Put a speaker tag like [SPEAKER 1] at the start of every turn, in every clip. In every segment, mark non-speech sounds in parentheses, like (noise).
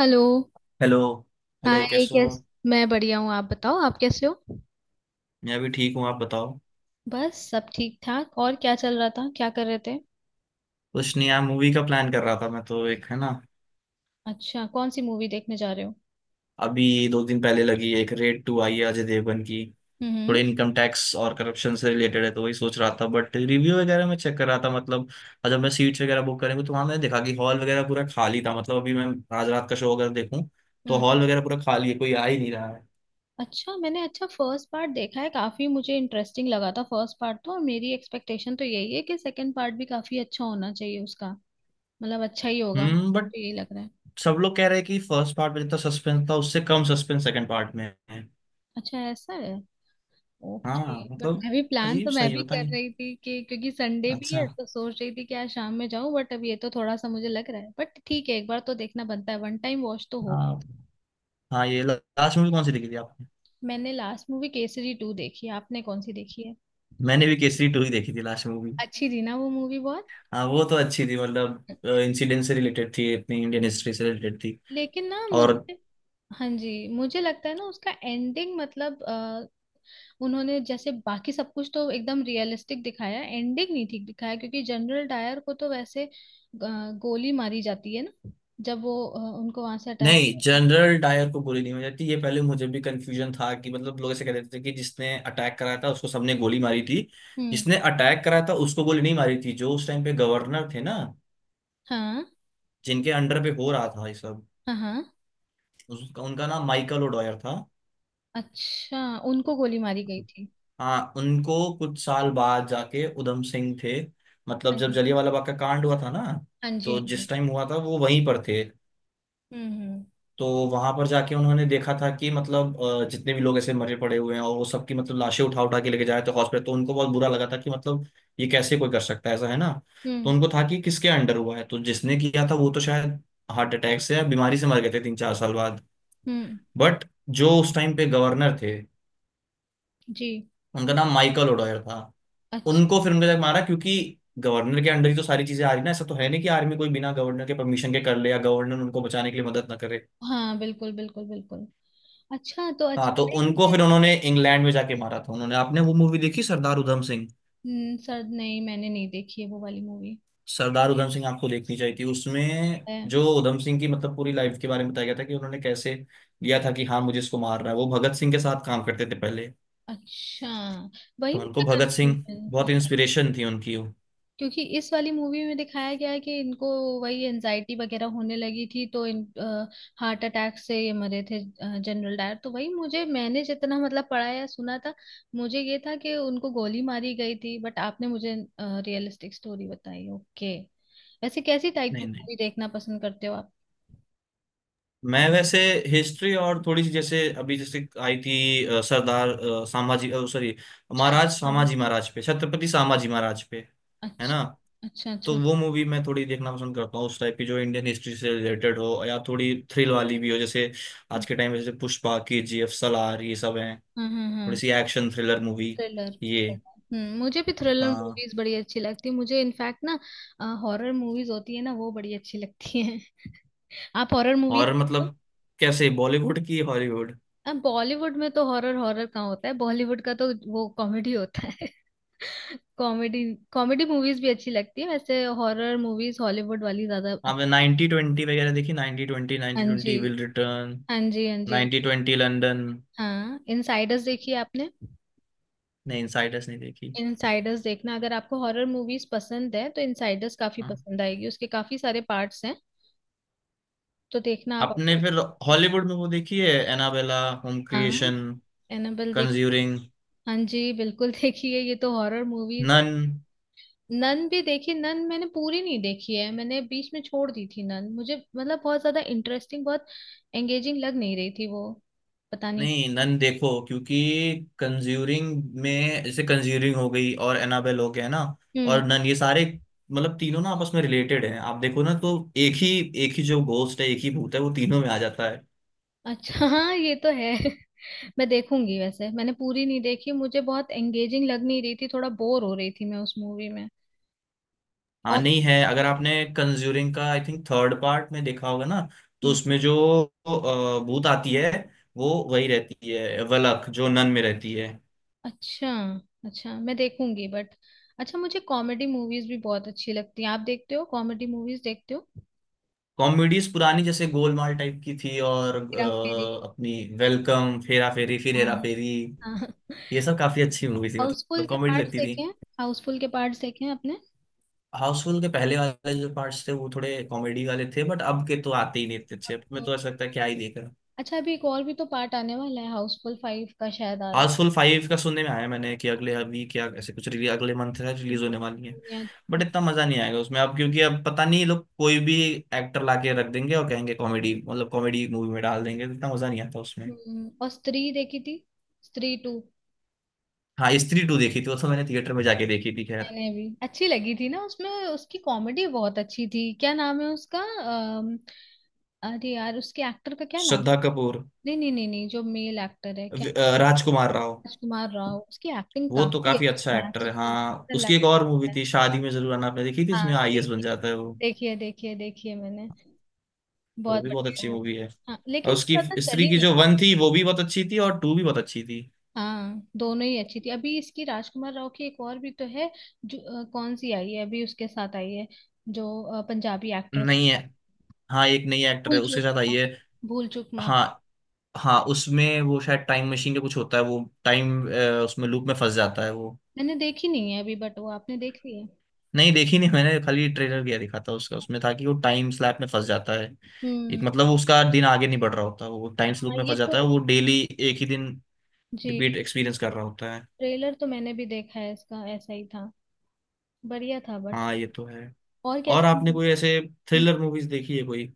[SPEAKER 1] Hello.
[SPEAKER 2] Hello. Hello
[SPEAKER 1] hi
[SPEAKER 2] कैसे हो
[SPEAKER 1] कैस।
[SPEAKER 2] आप?
[SPEAKER 1] मैं बढ़िया हूँ, आप बताओ, आप कैसे हो?
[SPEAKER 2] मैं भी ठीक हूँ, आप बताओ।
[SPEAKER 1] बस सब ठीक ठाक। और क्या चल रहा था, क्या कर रहे थे?
[SPEAKER 2] कुछ नहीं यार, मूवी का प्लान कर रहा था मैं तो, एक है ना।
[SPEAKER 1] अच्छा, कौन सी मूवी देखने जा रहे हो?
[SPEAKER 2] अभी दो दिन पहले लगी एक रेड टू आई है अजय देवगन की। थोड़े
[SPEAKER 1] हम्म।
[SPEAKER 2] इनकम टैक्स और करप्शन से रिलेटेड है, तो वही सोच रहा था बट रिव्यू वगैरह मैं चेक कर रहा था मतलब। और जब मैं सीट्स वगैरह बुक करेंगे तो वहां मैंने देखा कि हॉल वगैरह पूरा खाली था मतलब। अभी मैं आज रात का शो अगर देखूँ तो
[SPEAKER 1] हम्म।
[SPEAKER 2] हॉल वगैरह पूरा खाली है, कोई आ ही नहीं रहा है।
[SPEAKER 1] अच्छा। मैंने अच्छा फर्स्ट पार्ट देखा है, काफी मुझे इंटरेस्टिंग लगा था फर्स्ट पार्ट तो, और मेरी एक्सपेक्टेशन तो यही है कि सेकंड पार्ट भी काफी अच्छा होना चाहिए उसका। मतलब अच्छा ही होगा,
[SPEAKER 2] हम्म। बट
[SPEAKER 1] मुझे यही लग रहा है।
[SPEAKER 2] सब लोग कह रहे हैं कि फर्स्ट पार्ट में जितना सस्पेंस था उससे कम सस्पेंस सेकंड पार्ट में है।
[SPEAKER 1] अच्छा, ऐसा है। ओके,
[SPEAKER 2] हाँ
[SPEAKER 1] बट
[SPEAKER 2] मतलब
[SPEAKER 1] मैं भी प्लान
[SPEAKER 2] अजीब
[SPEAKER 1] तो मैं
[SPEAKER 2] सही है,
[SPEAKER 1] भी
[SPEAKER 2] पता
[SPEAKER 1] कर
[SPEAKER 2] नहीं।
[SPEAKER 1] रही थी कि क्योंकि संडे भी
[SPEAKER 2] अच्छा।
[SPEAKER 1] है, तो सोच रही थी कि आज शाम में जाऊं, बट अब ये तो थोड़ा सा मुझे लग रहा है, बट ठीक है, एक बार तो देखना बनता है, वन टाइम वॉच तो हो।
[SPEAKER 2] आप? हाँ, ये लास्ट मूवी कौन सी देखी थी आपने?
[SPEAKER 1] मैंने लास्ट मूवी केसरी टू देखी है, आपने कौन सी देखी है?
[SPEAKER 2] मैंने भी केसरी टू ही देखी थी लास्ट मूवी।
[SPEAKER 1] अच्छी थी ना वो मूवी बहुत।
[SPEAKER 2] हाँ वो तो अच्छी थी मतलब, इंसिडेंट से रिलेटेड थी, अपनी इंडियन हिस्ट्री से रिलेटेड थी।
[SPEAKER 1] लेकिन ना
[SPEAKER 2] और
[SPEAKER 1] मुझे, हाँ जी, मुझे लगता है ना उसका एंडिंग मतलब उन्होंने जैसे बाकी सब कुछ तो एकदम रियलिस्टिक दिखाया, एंडिंग नहीं ठीक दिखाया, क्योंकि जनरल डायर को तो वैसे गोली मारी जाती है ना, जब वो उनको वहां से हटाया
[SPEAKER 2] नहीं,
[SPEAKER 1] जाता है।
[SPEAKER 2] जनरल डायर को गोली नहीं मारी जाती, ये पहले मुझे भी कंफ्यूजन था कि मतलब लोग ऐसे कह देते थे कि जिसने अटैक कराया था उसको सबने गोली मारी थी।
[SPEAKER 1] हम्म।
[SPEAKER 2] जिसने अटैक कराया था उसको गोली नहीं मारी थी। जो उस टाइम पे गवर्नर थे ना,
[SPEAKER 1] हाँ।
[SPEAKER 2] जिनके अंडर पे हो रहा था ये सब,
[SPEAKER 1] हाँ। हाँ।
[SPEAKER 2] उसका उनका नाम माइकल ओडॉयर था।
[SPEAKER 1] अच्छा। उनको गोली मारी गई थी।
[SPEAKER 2] हाँ, उनको कुछ साल बाद जाके उधम सिंह थे। मतलब,
[SPEAKER 1] हाँ
[SPEAKER 2] जब
[SPEAKER 1] जी।
[SPEAKER 2] जलियांवाला बाग का कांड हुआ था ना,
[SPEAKER 1] हाँ जी,
[SPEAKER 2] तो
[SPEAKER 1] हाँ जी।
[SPEAKER 2] जिस टाइम हुआ था वो वहीं पर थे।
[SPEAKER 1] हम्म। हम्म।
[SPEAKER 2] तो वहां पर जाके उन्होंने देखा था कि मतलब जितने भी लोग ऐसे मरे पड़े हुए हैं, और वो सबकी मतलब लाशें उठा उठा के लेके जा रहे थे हॉस्पिटल, तो उनको बहुत बुरा लगा था कि मतलब ये कैसे कोई कर सकता है ऐसा, है ना। तो
[SPEAKER 1] हम्म।
[SPEAKER 2] उनको था कि किसके अंडर हुआ है, तो जिसने किया था वो तो शायद हार्ट अटैक से या बीमारी से मर गए थे तीन चार साल बाद।
[SPEAKER 1] हम्म।
[SPEAKER 2] बट जो उस टाइम पे गवर्नर थे,
[SPEAKER 1] जी।
[SPEAKER 2] उनका नाम माइकल ओडॉयर था।
[SPEAKER 1] अच्छा।
[SPEAKER 2] उनको फिर उनके तक मारा, क्योंकि गवर्नर के अंडर ही तो सारी चीजें आ रही ना, ऐसा तो है नहीं कि आर्मी कोई बिना गवर्नर के परमिशन के कर ले या गवर्नर उनको बचाने के लिए मदद ना करे।
[SPEAKER 1] हाँ, बिल्कुल बिल्कुल बिल्कुल। अच्छा तो,
[SPEAKER 2] हाँ, तो
[SPEAKER 1] अच्छा एक
[SPEAKER 2] उनको
[SPEAKER 1] मुझे।
[SPEAKER 2] फिर उन्होंने इंग्लैंड में जाके मारा था उन्होंने। आपने वो मूवी देखी सरदार उधम सिंह?
[SPEAKER 1] सर, नहीं मैंने नहीं देखी है वो वाली मूवी।
[SPEAKER 2] सरदार उधम सिंह आपको देखनी चाहिए थी। उसमें
[SPEAKER 1] है।
[SPEAKER 2] जो उधम सिंह की मतलब पूरी लाइफ के बारे में बताया गया था कि उन्होंने कैसे लिया था कि हाँ मुझे इसको मारना है। वो भगत सिंह के साथ काम करते थे पहले,
[SPEAKER 1] अच्छा। वही
[SPEAKER 2] तो उनको
[SPEAKER 1] मुझे
[SPEAKER 2] भगत सिंह
[SPEAKER 1] कंफ्यूजन हो,
[SPEAKER 2] बहुत इंस्पिरेशन थी, उनकी वो।
[SPEAKER 1] क्योंकि इस वाली मूवी में दिखाया गया है कि इनको वही एनजाइटी वगैरह होने लगी थी, तो इन हार्ट अटैक से ये मरे थे जनरल डायर। तो वही मुझे, मैंने जितना मतलब पढ़ा या सुना था, मुझे ये था कि उनको गोली मारी गई थी, बट आपने मुझे रियलिस्टिक स्टोरी बताई। ओके। वैसे कैसी टाइप की
[SPEAKER 2] नहीं नहीं,
[SPEAKER 1] मूवी देखना पसंद करते हो आप?
[SPEAKER 2] मैं वैसे हिस्ट्री और थोड़ी सी, जैसे अभी जैसे आई थी सरदार सामाजी सॉरी
[SPEAKER 1] अच्छा।
[SPEAKER 2] महाराज,
[SPEAKER 1] हाँ, हाँ।
[SPEAKER 2] सामाजी महाराज पे, छत्रपति सामाजी महाराज पे, है
[SPEAKER 1] अच्छा।
[SPEAKER 2] ना।
[SPEAKER 1] अच्छा।
[SPEAKER 2] तो
[SPEAKER 1] अच्छा।
[SPEAKER 2] वो मूवी मैं थोड़ी देखना पसंद करता हूँ उस टाइप की, जो इंडियन हिस्ट्री से रिलेटेड हो या थोड़ी थ्रिल वाली भी हो, जैसे आज के टाइम में जैसे पुष्पा, के जी एफ, सलार, ये सब हैं।
[SPEAKER 1] हाँ हाँ
[SPEAKER 2] थोड़ी
[SPEAKER 1] हाँ।
[SPEAKER 2] सी एक्शन थ्रिलर मूवी
[SPEAKER 1] थ्रिलर।
[SPEAKER 2] ये।
[SPEAKER 1] हम्म, मुझे भी थ्रिलर
[SPEAKER 2] हाँ,
[SPEAKER 1] मूवीज बड़ी अच्छी लगती है, मुझे इनफैक्ट ना हॉरर मूवीज होती है ना, वो बड़ी अच्छी लगती है। (laughs) आप हॉरर मूवीज
[SPEAKER 2] और
[SPEAKER 1] देखते हो?
[SPEAKER 2] मतलब कैसे, बॉलीवुड की हॉलीवुड?
[SPEAKER 1] अब बॉलीवुड में तो हॉरर, हॉरर कहाँ होता है बॉलीवुड का, तो वो कॉमेडी होता है। (laughs) कॉमेडी। कॉमेडी मूवीज भी अच्छी लगती है, वैसे हॉरर मूवीज हॉलीवुड वाली ज्यादा अच्छ-।
[SPEAKER 2] आपने नाइनटी ट्वेंटी वगैरह देखी? नाइनटी ट्वेंटी,
[SPEAKER 1] हाँ
[SPEAKER 2] नाइनटी
[SPEAKER 1] जी।
[SPEAKER 2] ट्वेंटी विल रिटर्न,
[SPEAKER 1] हाँ जी, हाँ जी, हाँ
[SPEAKER 2] नाइनटी
[SPEAKER 1] जी।
[SPEAKER 2] Twenty London.
[SPEAKER 1] हाँ, इनसाइडर्स देखी है आपने?
[SPEAKER 2] नहीं, इनसाइडर्स नहीं देखी।
[SPEAKER 1] इनसाइडर्स देखना, अगर आपको हॉरर मूवीज पसंद है तो इनसाइडर्स काफी
[SPEAKER 2] हाँ,
[SPEAKER 1] पसंद आएगी, उसके काफी सारे पार्ट्स हैं। तो देखना आप
[SPEAKER 2] आपने
[SPEAKER 1] आपको।
[SPEAKER 2] फिर हॉलीवुड में वो देखी है, एनाबेला, होम
[SPEAKER 1] हाँ।
[SPEAKER 2] क्रिएशन,
[SPEAKER 1] एनाबेल देखिए।
[SPEAKER 2] कंज्यूरिंग,
[SPEAKER 1] हाँ जी, बिल्कुल। (laughs) देखिए, ये तो हॉरर मूवीज।
[SPEAKER 2] नन?
[SPEAKER 1] नन भी देखी। नन मैंने पूरी नहीं देखी है, मैंने बीच में छोड़ दी थी। नन मुझे मतलब बहुत ज्यादा इंटरेस्टिंग, बहुत एंगेजिंग लग नहीं रही थी वो। पता नहीं।
[SPEAKER 2] नहीं, नन देखो, क्योंकि कंज्यूरिंग में जैसे कंज्यूरिंग हो गई और एनाबेल हो गया ना,
[SPEAKER 1] हम्म।
[SPEAKER 2] और नन, ये सारे मतलब तीनों ना आपस में रिलेटेड हैं। आप देखो ना तो एक ही जो घोस्ट है, एक ही भूत है, वो तीनों में आ जाता है।
[SPEAKER 1] अच्छा। (laughs) हाँ ये तो है। (laughs) मैं देखूंगी, वैसे मैंने पूरी नहीं देखी, मुझे बहुत एंगेजिंग लग नहीं रही थी, थोड़ा बोर हो रही थी मैं उस मूवी में।
[SPEAKER 2] हाँ
[SPEAKER 1] और,
[SPEAKER 2] नहीं है, अगर आपने कंज्यूरिंग का आई थिंक थर्ड पार्ट में देखा होगा ना, तो उसमें जो भूत आती है, वो वही रहती है, वलक, जो नन में रहती है।
[SPEAKER 1] अच्छा। अच्छा मैं देखूंगी बट। अच्छा, मुझे कॉमेडी मूवीज भी बहुत अच्छी लगती हैं, आप देखते हो कॉमेडी मूवीज देखते हो?
[SPEAKER 2] कॉमेडीज पुरानी जैसे गोलमाल टाइप की थी, और
[SPEAKER 1] हेरा फेरी।
[SPEAKER 2] अपनी वेलकम फेरा फेरी, फिर हेरा
[SPEAKER 1] हाँ।
[SPEAKER 2] फेरी,
[SPEAKER 1] हाँ।
[SPEAKER 2] ये सब काफी अच्छी मूवी थी
[SPEAKER 1] हाउसफुल
[SPEAKER 2] मतलब,
[SPEAKER 1] के
[SPEAKER 2] कॉमेडी
[SPEAKER 1] पार्ट्स
[SPEAKER 2] लगती थी।
[SPEAKER 1] देखे हैं? हाउसफुल के पार्ट्स देखे हैं आपने?
[SPEAKER 2] हाउसफुल के पहले वाले जो पार्ट्स थे वो थोड़े कॉमेडी वाले थे, बट अब के तो आते ही नहीं इतने अच्छे,
[SPEAKER 1] अब
[SPEAKER 2] अब में
[SPEAKER 1] तो,
[SPEAKER 2] तो ऐसा लगता है क्या ही देख।
[SPEAKER 1] अच्छा अभी एक और भी तो पार्ट आने वाला है, हाउसफुल फाइव का शायद आ रहा
[SPEAKER 2] हाउसफुल फाइव का सुनने में आया मैंने कि अगले वीक या ऐसे कुछ रिलीज, अगले मंथ है
[SPEAKER 1] है।
[SPEAKER 2] रिलीज होने वाली है।
[SPEAKER 1] या-
[SPEAKER 2] बट इतना मजा नहीं आएगा उसमें अब, क्योंकि अब पता नहीं ये लोग कोई भी एक्टर लाके रख देंगे और कहेंगे कॉमेडी, मतलब कॉमेडी मूवी में डाल देंगे, तो इतना मजा नहीं आता उसमें।
[SPEAKER 1] और स्त्री देखी थी? स्त्री टू।
[SPEAKER 2] हाँ, स्त्री टू देखी थी, वो तो मैंने थिएटर में जाके देखी थी खैर।
[SPEAKER 1] मैंने भी, अच्छी लगी थी ना उसमें, उसकी कॉमेडी बहुत अच्छी थी। क्या नाम है उसका अरे यार, उसके एक्टर का क्या नाम?
[SPEAKER 2] श्रद्धा कपूर।
[SPEAKER 1] नहीं नहीं नहीं नहीं, जो मेल एक्टर है क्या?
[SPEAKER 2] राजकुमार राव।
[SPEAKER 1] राजकुमार राव। उसकी एक्टिंग
[SPEAKER 2] वो तो
[SPEAKER 1] काफी
[SPEAKER 2] काफी
[SPEAKER 1] अच्छी,
[SPEAKER 2] अच्छा एक्टर है। हाँ,
[SPEAKER 1] नेचुरल
[SPEAKER 2] उसकी एक
[SPEAKER 1] लगता
[SPEAKER 2] और मूवी
[SPEAKER 1] है।
[SPEAKER 2] थी शादी में जरूर आना, आपने देखी थी?
[SPEAKER 1] हाँ,
[SPEAKER 2] इसमें आईएएस बन
[SPEAKER 1] देखिए,
[SPEAKER 2] जाता है वो।
[SPEAKER 1] देखिए देखिए देखिए मैंने।
[SPEAKER 2] वो
[SPEAKER 1] बहुत
[SPEAKER 2] भी बहुत
[SPEAKER 1] बढ़िया है
[SPEAKER 2] अच्छी
[SPEAKER 1] वो भी।
[SPEAKER 2] मूवी है।
[SPEAKER 1] हाँ,
[SPEAKER 2] और
[SPEAKER 1] लेकिन वो
[SPEAKER 2] उसकी
[SPEAKER 1] ज्यादा
[SPEAKER 2] स्त्री
[SPEAKER 1] चली
[SPEAKER 2] की
[SPEAKER 1] नहीं।
[SPEAKER 2] जो वन थी वो भी बहुत अच्छी थी, और टू भी बहुत अच्छी थी।
[SPEAKER 1] हाँ, दोनों ही अच्छी थी। अभी इसकी राजकुमार राव की एक और भी तो है, जो कौन सी आई है अभी उसके साथ आई है, जो पंजाबी एक्ट्रेस।
[SPEAKER 2] नहीं है। हाँ, एक नई एक्टर
[SPEAKER 1] भूल
[SPEAKER 2] है उसके
[SPEAKER 1] चूक
[SPEAKER 2] साथ आई
[SPEAKER 1] माफ,
[SPEAKER 2] है।
[SPEAKER 1] भूल चूक माफ।
[SPEAKER 2] हाँ, हाँ उसमें वो शायद टाइम मशीन का कुछ होता है, वो टाइम उसमें लूप में फंस जाता है वो।
[SPEAKER 1] मैंने देखी नहीं है अभी, बट वो आपने देख ली है?
[SPEAKER 2] नहीं, देखी नहीं मैंने, खाली ट्रेलर गया दिखा था उसका, उसमें था कि वो टाइम स्लैप में फंस जाता है, एक
[SPEAKER 1] हम्म।
[SPEAKER 2] मतलब उसका दिन आगे नहीं बढ़ रहा होता, वो टाइम लूप
[SPEAKER 1] हाँ
[SPEAKER 2] में
[SPEAKER 1] ये
[SPEAKER 2] फंस
[SPEAKER 1] तो,
[SPEAKER 2] जाता है, वो डेली एक ही दिन
[SPEAKER 1] जी।
[SPEAKER 2] रिपीट एक्सपीरियंस कर रहा होता है।
[SPEAKER 1] ट्रेलर तो मैंने भी देखा है इसका, ऐसा ही था। बढ़िया था बट।
[SPEAKER 2] हाँ ये तो है।
[SPEAKER 1] और
[SPEAKER 2] और आपने
[SPEAKER 1] कैसी,
[SPEAKER 2] कोई ऐसे थ्रिलर मूवीज देखी है कोई?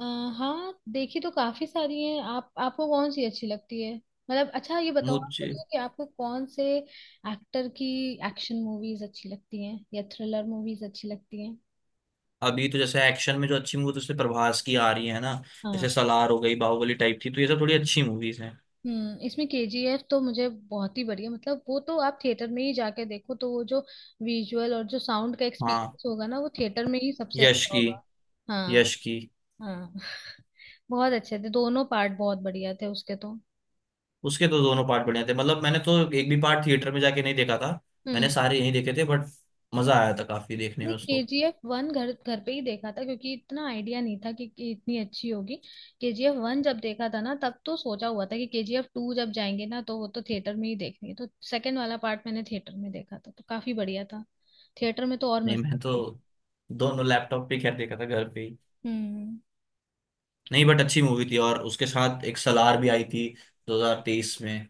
[SPEAKER 1] अ, हाँ देखी तो काफी सारी हैं। आप आपको कौन सी अच्छी लगती है? मतलब अच्छा ये बताओ आप
[SPEAKER 2] मुझे
[SPEAKER 1] मुझे, कि आपको कौन से एक्टर की एक्शन मूवीज अच्छी लगती हैं या थ्रिलर मूवीज अच्छी लगती हैं?
[SPEAKER 2] अभी तो जैसे एक्शन में जो अच्छी मूवी, तो जैसे प्रभास की आ रही है ना,
[SPEAKER 1] हाँ।
[SPEAKER 2] जैसे सलार हो गई, बाहुबली टाइप थी, तो ये सब थोड़ी अच्छी मूवीज हैं।
[SPEAKER 1] हम्म, इसमें केजीएफ तो मुझे बहुत ही बढ़िया, मतलब वो तो आप थिएटर में ही जाके देखो, तो वो जो विजुअल और जो साउंड का
[SPEAKER 2] हाँ,
[SPEAKER 1] एक्सपीरियंस होगा ना, वो थिएटर में ही सबसे
[SPEAKER 2] यश
[SPEAKER 1] अच्छा
[SPEAKER 2] की
[SPEAKER 1] होगा। हाँ।
[SPEAKER 2] यश की
[SPEAKER 1] हाँ हाँ। बहुत अच्छे थे दोनों पार्ट, बहुत बढ़िया थे उसके तो।
[SPEAKER 2] उसके तो दोनों पार्ट बढ़िया थे, मतलब मैंने तो एक भी पार्ट थिएटर में जाके नहीं देखा था। मैंने
[SPEAKER 1] हम्म,
[SPEAKER 2] सारे यहीं देखे थे, बट मजा आया था काफी देखने
[SPEAKER 1] मैंने
[SPEAKER 2] में उसको।
[SPEAKER 1] KGF वन घर घर पे ही देखा था, क्योंकि इतना आइडिया नहीं था कि इतनी अच्छी होगी। KGF वन जब देखा था ना, तब तो सोचा हुआ था कि KGF टू जब जाएंगे ना, तो वो तो थिएटर में ही देखनी है, तो सेकंड वाला पार्ट मैंने थिएटर में देखा था, तो काफी बढ़िया था। थिएटर में तो और
[SPEAKER 2] नहीं
[SPEAKER 1] मजा
[SPEAKER 2] मैं तो
[SPEAKER 1] आती है।
[SPEAKER 2] दोनों लैपटॉप पे खैर देखा था, घर पे ही।
[SPEAKER 1] हम्म।
[SPEAKER 2] नहीं, बट अच्छी मूवी थी, और उसके साथ एक सलार भी आई थी 2023 में,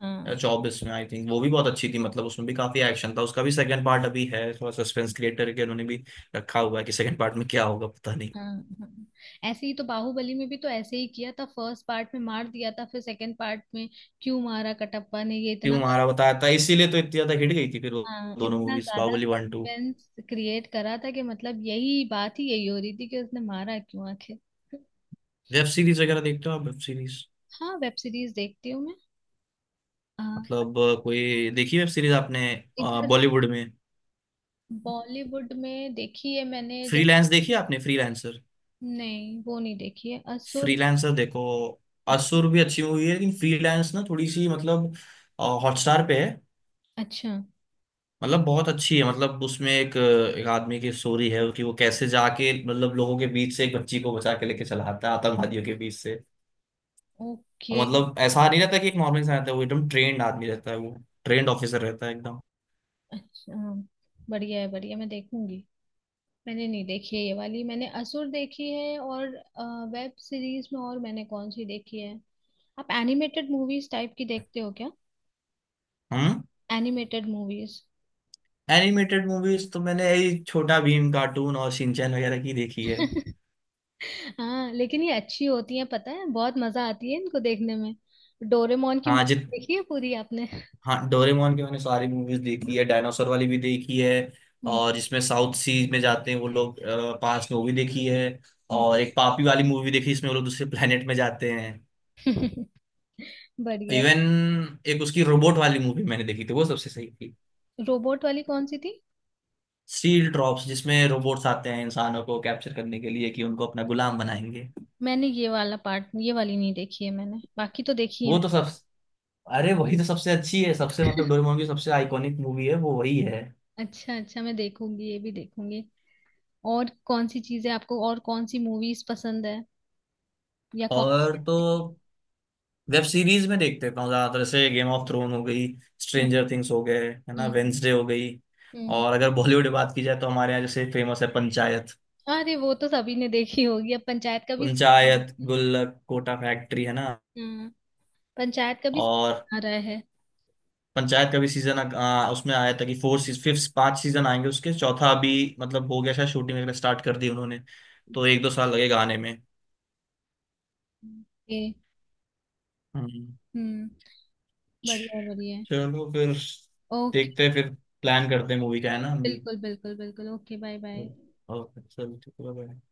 [SPEAKER 1] हाँ
[SPEAKER 2] जॉब्स में आई थिंक, वो भी बहुत अच्छी थी मतलब, उसमें भी काफी एक्शन था। उसका भी सेकंड पार्ट अभी है, थोड़ा सस्पेंस क्रिएट करके उन्होंने भी रखा हुआ है कि सेकंड पार्ट में क्या होगा पता नहीं।
[SPEAKER 1] हाँ हाँ। ऐसे ही तो बाहुबली में भी तो ऐसे ही किया था, फर्स्ट पार्ट में मार दिया था, फिर सेकंड पार्ट में क्यों मारा कटप्पा ने, ये
[SPEAKER 2] क्यों
[SPEAKER 1] इतना।
[SPEAKER 2] हमारा बताया था, इसीलिए तो इतनी ज्यादा हिट गई थी फिर वो,
[SPEAKER 1] हाँ,
[SPEAKER 2] दोनों
[SPEAKER 1] इतना
[SPEAKER 2] मूवीज
[SPEAKER 1] ज्यादा
[SPEAKER 2] Baahubali one two.
[SPEAKER 1] Suspense create करा था कि मतलब यही बात ही यही हो रही थी कि उसने मारा क्यों आखिर।
[SPEAKER 2] वेब सीरीज वगैरह देखते हो आप, वेब सीरीज?
[SPEAKER 1] हाँ। वेब सीरीज देखती हूँ मैं। हाँ,
[SPEAKER 2] मतलब कोई देखी वेब सीरीज आपने
[SPEAKER 1] इधर
[SPEAKER 2] बॉलीवुड में?
[SPEAKER 1] बॉलीवुड में देखी है मैंने जैसे।
[SPEAKER 2] फ्रीलांस देखी आपने, फ्रीलांसर?
[SPEAKER 1] नहीं, वो नहीं देखी है असुर।
[SPEAKER 2] फ्रीलांसर देखो, असुर भी अच्छी मूवी है, लेकिन फ्रीलांस ना थोड़ी सी मतलब, हॉटस्टार पे है,
[SPEAKER 1] अच्छा।
[SPEAKER 2] मतलब बहुत अच्छी है मतलब, उसमें एक एक आदमी की स्टोरी है कि वो कैसे जाके मतलब लोगों के बीच से एक बच्ची को बचा के लेके चला आता है आतंकवादियों के बीच से, और
[SPEAKER 1] ओके।
[SPEAKER 2] मतलब ऐसा नहीं रहता कि एक नॉर्मल इंसान रहता है, वो एकदम ट्रेंड आदमी रहता है वो, ट्रेंड ऑफिसर रहता है एकदम।
[SPEAKER 1] अच्छा। बढ़िया है, बढ़िया, मैं देखूंगी। मैंने नहीं देखी है ये वाली, मैंने असुर देखी है, और वेब सीरीज में और मैंने कौन सी देखी है। आप एनिमेटेड मूवीज टाइप की देखते हो?
[SPEAKER 2] हम।
[SPEAKER 1] Animated movies.
[SPEAKER 2] एनिमेटेड मूवीज तो मैंने यही छोटा भीम कार्टून और शिनचैन वगैरह की देखी है।
[SPEAKER 1] (laughs) हाँ, लेकिन ये अच्छी होती है, पता है बहुत मजा आती है इनको देखने में। डोरेमोन की
[SPEAKER 2] हाँ
[SPEAKER 1] movie
[SPEAKER 2] जित।
[SPEAKER 1] देखी है पूरी आपने?
[SPEAKER 2] हाँ, डोरेमोन की मैंने सारी मूवीज देखी है, डायनासोर वाली भी देखी है,
[SPEAKER 1] हम्म।
[SPEAKER 2] और जिसमें साउथ सीज में जाते हैं वो लोग पास में वो भी देखी है, और एक पापी वाली मूवी देखी जिसमें वो लोग दूसरे planet में जाते हैं।
[SPEAKER 1] हम्म। (laughs) बढ़िया।
[SPEAKER 2] इवन एक उसकी रोबोट वाली मूवी मैंने देखी थी, वो सबसे सही थी।
[SPEAKER 1] रोबोट वाली कौन सी थी?
[SPEAKER 2] स्टील ड्रॉप्स, जिसमें रोबोट्स आते हैं इंसानों को कैप्चर करने के लिए कि उनको अपना गुलाम बनाएंगे।
[SPEAKER 1] मैंने ये वाला पार्ट, ये वाली नहीं देखी है मैंने, बाकी तो देखी है
[SPEAKER 2] वो
[SPEAKER 1] मैंने।
[SPEAKER 2] तो सब, अरे वही तो सबसे अच्छी है, सबसे मतलब डोरेमोन की सबसे आइकॉनिक मूवी है वो, वही है।
[SPEAKER 1] अच्छा अच्छा, मैं देखूंगी, ये भी देखूंगी। और कौन सी चीजें आपको, और कौन सी मूवीज पसंद है, या कौन।
[SPEAKER 2] और तो वेब सीरीज में देख लेता हूँ ज्यादातर से, गेम ऑफ थ्रोन हो गई,
[SPEAKER 1] हम्म।
[SPEAKER 2] स्ट्रेंजर थिंग्स हो गए, है ना,
[SPEAKER 1] हम्म। हम्म।
[SPEAKER 2] वेंसडे हो गई।
[SPEAKER 1] हम्म।
[SPEAKER 2] और अगर बॉलीवुड बात की जाए तो हमारे यहाँ जैसे फेमस है पंचायत।
[SPEAKER 1] अरे वो तो सभी ने देखी होगी अब, पंचायत का भी।
[SPEAKER 2] पंचायत,
[SPEAKER 1] (laughs)
[SPEAKER 2] गुल्लक, कोटा फैक्ट्री, है ना।
[SPEAKER 1] हम्म। पंचायत का भी
[SPEAKER 2] और
[SPEAKER 1] समझ आ रहा है।
[SPEAKER 2] पंचायत का भी सीजन उसमें आया था कि फोर फिफ्थ पांच सीजन आएंगे उसके, चौथा अभी मतलब हो गया शायद, शूटिंग वगैरह स्टार्ट कर दी उन्होंने, तो एक दो साल लगेगा आने में।
[SPEAKER 1] ओके।
[SPEAKER 2] हम्म।
[SPEAKER 1] हम्म। बढ़िया बढ़िया।
[SPEAKER 2] चलो फिर
[SPEAKER 1] ओके।
[SPEAKER 2] देखते हैं फिर, प्लान करते हैं मूवी का, है ना, हम भी।
[SPEAKER 1] बिल्कुल बिल्कुल बिल्कुल, ओके, बाय बाय।
[SPEAKER 2] ओके चलो ठीक है bye।